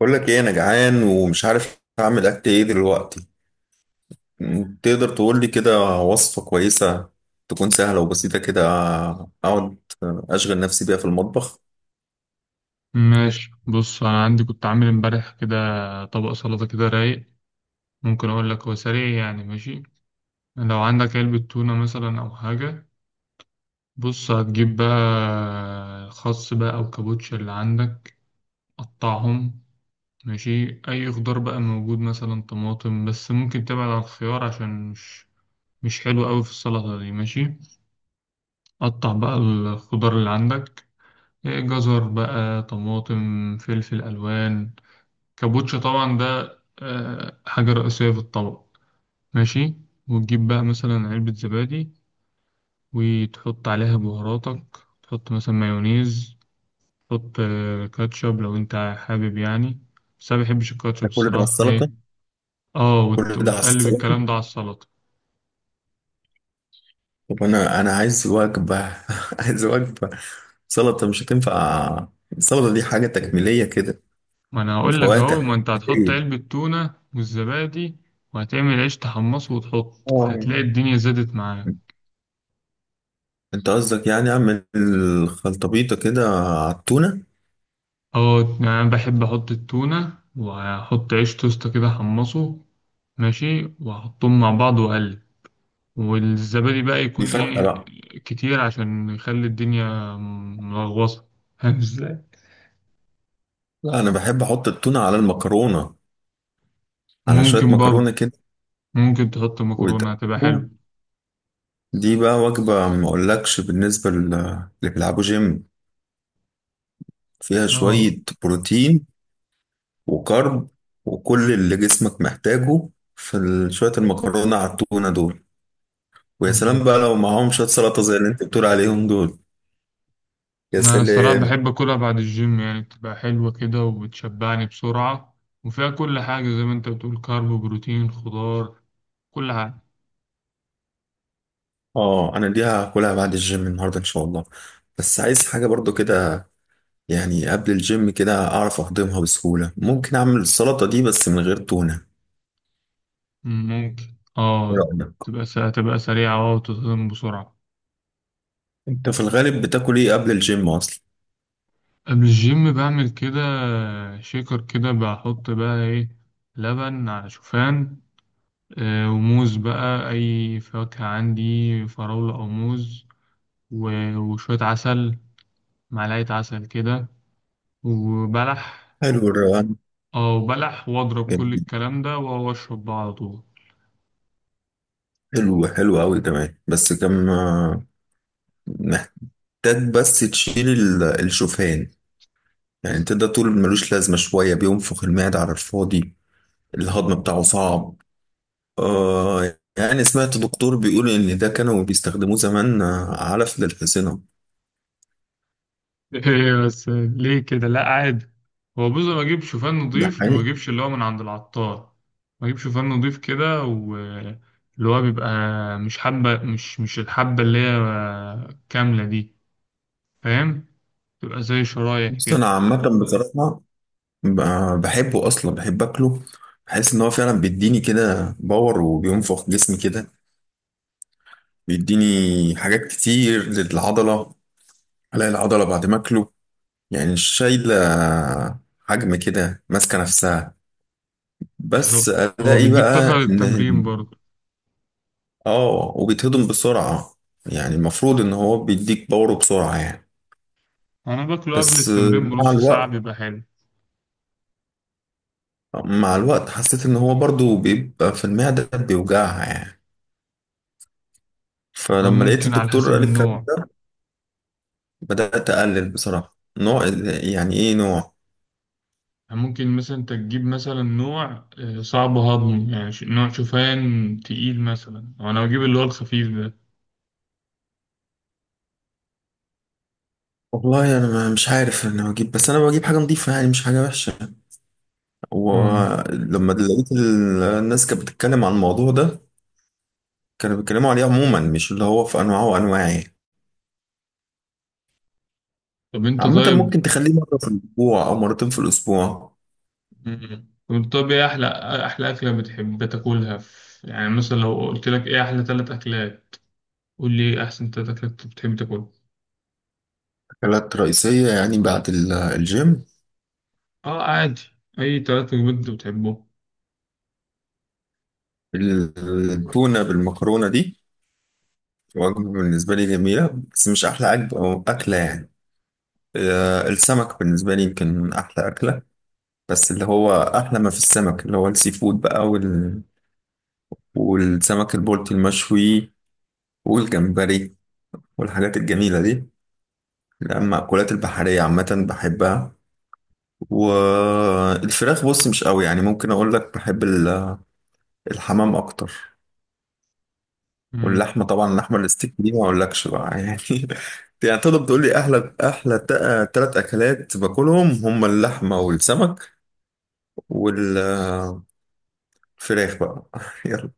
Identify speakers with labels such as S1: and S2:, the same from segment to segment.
S1: بقول لك ايه انا جعان ومش عارف اعمل اكل ايه دلوقتي. تقدر تقول لي كده وصفة كويسة تكون سهلة وبسيطة كده، اقعد اشغل نفسي بيها في المطبخ.
S2: ماشي، بص انا عندي كنت عامل امبارح كده طبق سلطة كده رايق. ممكن اقول لك، هو سريع يعني. ماشي، لو عندك علبة تونة مثلا او حاجة. بص، هتجيب بقى خس بقى او كابوتشا اللي عندك. قطعهم. ماشي، اي خضار بقى موجود، مثلا طماطم، بس ممكن تبعد عن الخيار عشان مش حلو قوي في السلطة دي. ماشي، قطع بقى الخضار اللي عندك، إيه، جزر بقى، طماطم، فلفل الوان. كابوتشا طبعا ده حاجة رئيسية في الطبق. ماشي، وتجيب بقى مثلا علبة زبادي وتحط عليها بهاراتك. تحط مثلا مايونيز، تحط كاتشب لو انت حابب. يعني بس انا مبحبش الكاتشب
S1: ده كل ده على
S2: الصراحة، ايه
S1: السلطة؟
S2: اه
S1: كل
S2: وت...
S1: ده على
S2: وتقلب
S1: السلطة!
S2: الكلام ده على السلطة.
S1: طب انا عايز وجبة. عايز وجبة، سلطة مش هتنفع، السلطة دي حاجة تكميلية كده،
S2: ما انا
S1: من
S2: هقول لك
S1: فواتح.
S2: اهو، ما انت هتحط
S1: ايه؟
S2: علبة تونة والزبادي وهتعمل عيش تحمصه وتحط،
S1: آه.
S2: فهتلاقي الدنيا زادت معاك.
S1: انت قصدك يعني اعمل خلطبيطة كده على التونة؟
S2: اه يعني انا بحب احط التونة، وهحط عيش توست كده حمصه، ماشي، وأحطهم مع بعض وأقلب. والزبادي بقى
S1: دي
S2: يكون
S1: فاتحة
S2: إيه،
S1: بقى.
S2: كتير عشان يخلي الدنيا ملغوصة. فاهم إزاي؟
S1: لا انا بحب احط التونة على المكرونة، على شوية
S2: ممكن
S1: مكرونة
S2: برضه.
S1: كده،
S2: ممكن تحط مكرونة، هتبقى
S1: ويتقلبوا.
S2: حلوة.
S1: دي بقى وجبة ما أقولكش بالنسبة اللي بيلعبوا جيم، فيها
S2: اه،
S1: شوية بروتين وكارب وكل اللي جسمك محتاجه في شوية المكرونة على التونة دول. ويا سلام
S2: بالظبط.
S1: بقى لو معاهم شوية سلطة زي اللي أنت بتقول عليهم دول. يا
S2: أنا الصراحة
S1: سلام.
S2: بحب أكلها بعد الجيم، يعني بتبقى حلوة كده وبتشبعني بسرعة، وفيها كل حاجة زي ما أنت بتقول، كارب وبروتين خضار، كل حاجة.
S1: آه أنا دي هاكلها بعد الجيم النهاردة إن شاء الله، بس عايز حاجة برضو كده، يعني قبل الجيم كده أعرف أهضمها بسهولة، ممكن أعمل السلطة دي بس من غير تونة.
S2: مم، ممكن.
S1: إيه
S2: اه،
S1: رأيك؟
S2: تبقى سريعة اه وتتهضم بسرعة.
S1: انت في الغالب بتاكل ايه قبل الجيم اصلا؟
S2: قبل الجيم بعمل كده شيكر كده، بحط بقى ايه، لبن على شوفان، وموز بقى، اي فاكهة عندي، فراولة او موز، وشوية عسل، معلقة عسل كده، وبلح.
S1: حلو الروقان.
S2: اه، وبلح، واضرب كل
S1: جميل.
S2: الكلام ده واشرب بقى على طول.
S1: حلو حلو قوي كمان، بس كم محتاج. بس تشيل الشوفان، يعني انت ده طول ملوش لازمه، شويه بينفخ المعده على الفاضي، الهضم بتاعه صعب. آه، يعني سمعت دكتور بيقول ان ده كانوا بيستخدموه زمان، علف للحصينه.
S2: ايه بس ليه كده، لا عادي. هو بص، ما اجيب شوفان
S1: ده
S2: نضيف وما
S1: حقيقي.
S2: اجيبش اللي هو من عند العطار. ما اجيب شوفان نضيف كده، واللي هو بيبقى، مش حبة، مش الحبة اللي هي كاملة دي، فاهم؟ تبقى زي شرايح
S1: بص
S2: كده.
S1: انا عامه بصراحه، بحبه اصلا، بحب اكله، بحس ان هو فعلا بيديني كده باور وبينفخ جسمي كده، بيديني حاجات كتير للعضلة. ألاقي العضلة بعد ما أكله يعني شايلة حجم كده ماسكة نفسها. بس
S2: بالظبط، هو
S1: ألاقي
S2: بيديك طاقة
S1: بقى
S2: للتمرين
S1: إن.
S2: برضه.
S1: آه وبيتهضم بسرعة، يعني المفروض إن هو بيديك باور بسرعة يعني.
S2: انا باكله قبل
S1: بس
S2: التمرين
S1: مع
S2: بنص ساعة،
S1: الوقت،
S2: بيبقى حلو.
S1: مع الوقت حسيت إن هو برضو بيبقى في المعدة بيوجعها يعني،
S2: والله
S1: فلما لقيت
S2: ممكن على
S1: الدكتور
S2: حسب
S1: قال الكلام
S2: النوع.
S1: بدأت أقلل بصراحة. نوع؟ يعني إيه نوع؟
S2: يعني ممكن مثلا انت تجيب مثلا نوع صعب هضمه، يعني نوع شوفان تقيل مثلا، أو انا بجيب اللي هو الخفيف ده.
S1: والله انا مش عارف، انا بجيب، بس انا بجيب حاجه نظيفه يعني، مش حاجه وحشه،
S2: مم.
S1: ولما لقيت الناس كانت بتتكلم عن الموضوع ده، كانوا بيتكلموا عليه عموما مش اللي هو في انواعه وانواعه يعني.
S2: طب انت
S1: عامه
S2: طيب.
S1: ممكن تخليه مره في الاسبوع او مرتين في الاسبوع.
S2: ايه احلى، احلى اكله بتحب تاكلها في... يعني مثلا لو قلت لك ايه احلى ثلاث اكلات، قول لي ايه احسن ثلاث اكلات انت بتحب تاكلها.
S1: اكلات رئيسيه يعني بعد الجيم؟
S2: اه عادي، اي ثلاث وجبات انت بتحبهم.
S1: التونه بالمكرونه دي وجبه بالنسبه لي جميله، بس مش احلى عجب او اكله يعني. السمك بالنسبه لي يمكن احلى اكله، بس اللي هو احلى ما في السمك اللي هو السي فود بقى، والسمك البلطي المشوي، والجمبري، والحاجات الجميلة دي. لا، المأكولات البحرية عامة بحبها. والفراخ بص مش قوي، يعني ممكن أقول لك بحب الحمام أكتر. واللحمة طبعا، اللحمة الستيك دي ما أقولكش بقى يعني. يعني تقدر تقول لي أحلى أحلى تلات أكلات باكلهم، هما اللحمة والسمك والفراخ بقى يلا،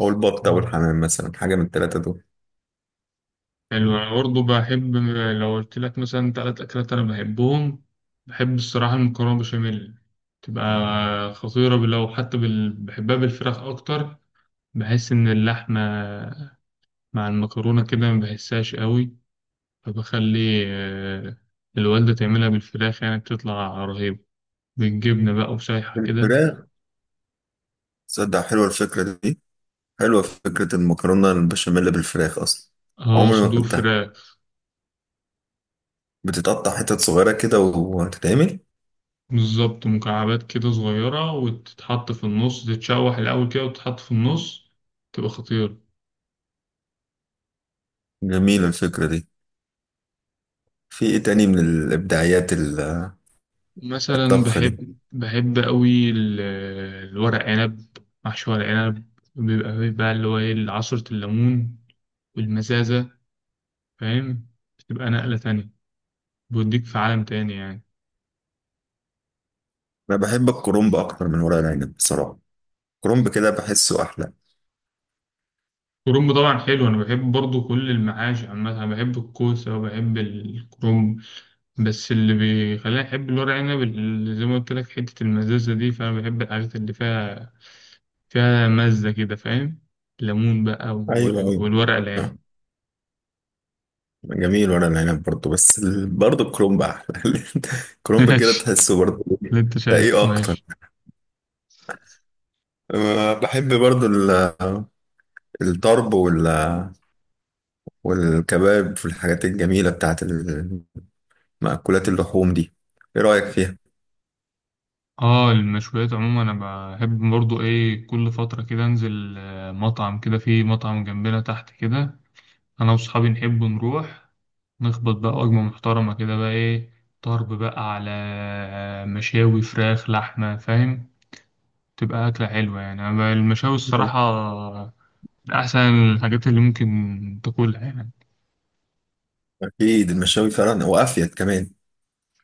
S1: أو البط أو
S2: مم.
S1: الحمام مثلا، حاجة من التلاتة دول.
S2: حلو، أنا برضه بحب. لو قلت لك مثلا تلات أكلات أنا بحبهم، بحب الصراحة المكرونة بشاميل، تبقى خطيرة، لو حتى بال... بحبها بالفراخ أكتر. بحس إن اللحمة مع المكرونة كده ما بحسهاش قوي، فبخلي الوالدة تعملها بالفراخ، يعني بتطلع رهيبة بالجبنة بقى وشايحة كده.
S1: الفراخ، تصدق حلوة الفكرة دي، حلوة فكرة المكرونة البشاميل بالفراخ أصلا،
S2: اه،
S1: عمري ما
S2: صدور
S1: أكلتها.
S2: فراخ.
S1: بتتقطع حتت صغيرة كده وهتتعمل.
S2: بالظبط، مكعبات كده صغيرة، وتتحط في النص، تتشوح الأول كده وتتحط في النص، تبقى خطيرة.
S1: جميلة الفكرة دي. في إيه تاني من الإبداعيات
S2: مثلا
S1: الطبخة دي؟
S2: بحب قوي ال-، الورق عنب، محشي ورق عنب، بيبقى فيه بقى اللي هو ايه، عصرة الليمون والمزازة، فاهم؟ بتبقى نقلة تانية، بيوديك في عالم تاني يعني.
S1: أنا بحب الكرنب أكتر من ورق العنب بصراحة، الكرنب كده بحسه أحلى.
S2: الكرنب طبعا حلو، انا بحب برضو كل المعاش عامة، انا بحب الكوسة وبحب الكرنب، بس اللي بيخليني احب الورق عنب اللي زي ما قلت لك، حتة المزازة دي، فانا بحب الحاجات اللي فيها فيها مزة كده، فاهم؟ ليمون بقى
S1: أيوة أيوة.
S2: والورق العنب.
S1: آه، جميل ورق العنب برضه، بس برضه الكرنب أحلى الكرنب كده تحسه برضه
S2: اللي انت شايف
S1: تقيه أكتر.
S2: ماشي.
S1: بحب برضه الطرب والكباب والحاجات الجميلة بتاعت مأكولات اللحوم دي. ايه رأيك فيها؟
S2: اه، المشويات عموما انا بحب برضو ايه، كل فترة كده انزل مطعم كده، في مطعم جنبنا تحت كده، انا واصحابي نحب نروح نخبط بقى وجبة محترمة كده بقى ايه، طرب بقى على مشاوي فراخ لحمة، فاهم؟ تبقى أكلة حلوة يعني. أما المشاوي الصراحة من أحسن الحاجات اللي ممكن تاكلها يعني.
S1: اكيد المشاوي فعلا وافيد كمان.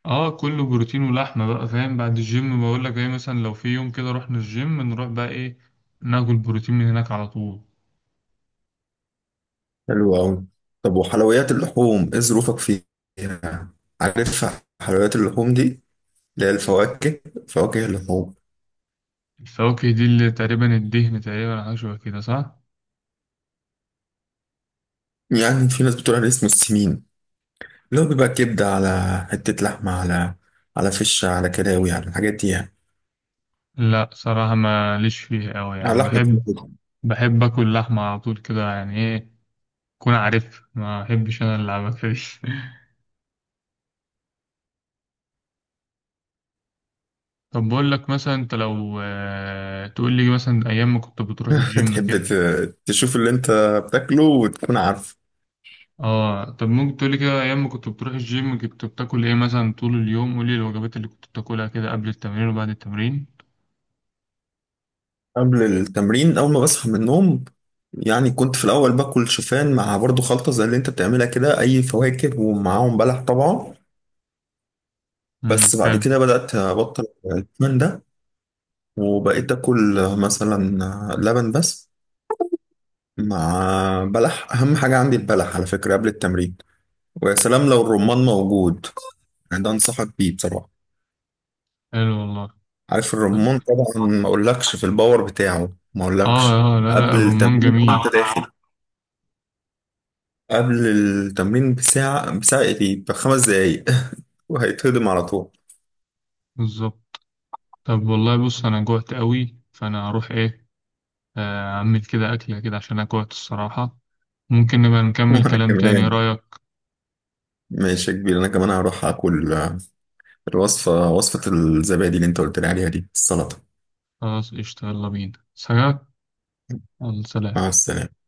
S2: اه، كله بروتين ولحمة بقى، فاهم؟ بعد الجيم بقول لك ايه، مثلا لو في يوم كده رحنا الجيم، نروح بقى ايه، ناكل بروتين من هناك على طول.
S1: حلو قوي. طب وحلويات اللحوم ايه ظروفك فيها؟ عارف حلويات اللحوم دي؟ اللي هي الفواكه، فواكه اللحوم.
S2: الفواكه دي اللي تقريبا الدهن، تقريبا حاجة شبه كده صح؟
S1: يعني في ناس بتقول عليه اسمه السمين، اللي هو بيبقى كبدة على حتة لحمة، على فشة، على كلاوي، على الحاجات دي يعني،
S2: لا صراحة ما ليش فيها أوي،
S1: على
S2: يعني
S1: لحمة.
S2: بحب، بحب آكل لحمة على طول كده، يعني ايه، كون عارف ما أحبش أنا اللعبة دي. طب بقول لك مثلا، أنت لو تقول لي مثلا أيام ما كنت بتروح الجيم
S1: تحب
S2: كده،
S1: تشوف اللي انت بتاكله وتكون عارف.
S2: اه طب ممكن تقولي كده، ايام ما كنت بتروح الجيم كنت بتاكل ايه مثلا طول اليوم، قولي الوجبات اللي كنت بتاكلها كده قبل التمرين وبعد التمرين.
S1: قبل التمرين اول ما بصحى من النوم، يعني كنت في الاول باكل شوفان مع برضو خلطه زي اللي انت بتعملها كده، اي فواكه ومعاهم بلح طبعا.
S2: امم،
S1: بس بعد
S2: حلو.
S1: كده بدات ابطل الشوفان ده، وبقيت اكل مثلا لبن بس مع بلح، اهم حاجه عندي البلح على فكره قبل التمرين. ويا سلام لو الرمان موجود، يعني ده انصحك بيه بصراحه.
S2: حلو والله.
S1: عارف الرمان طبعا، ما اقولكش في الباور بتاعه، ما اقولكش
S2: اه اه، لا لا،
S1: قبل
S2: الرمان
S1: التمرين وانت.
S2: جميل.
S1: قبل التمرين بساعة، بساعة ايه دي؟ ب5 دقايق وهيتهضم على طول.
S2: بالظبط. طب والله بص، انا جوعت قوي، فانا هروح ايه، اعمل كده اكله كده عشان انا جوعت الصراحه. ممكن نبقى نكمل
S1: وانا
S2: كلام تاني، إيه
S1: كمان،
S2: رايك؟
S1: ماشي يا كبير، انا كمان هروح اكل الوصفة، وصفة الزبادي اللي انت قلت لي عليها دي السلطة.
S2: خلاص قشطة، يلا بينا، سلام. يلا
S1: مع
S2: سلام.
S1: السلامة.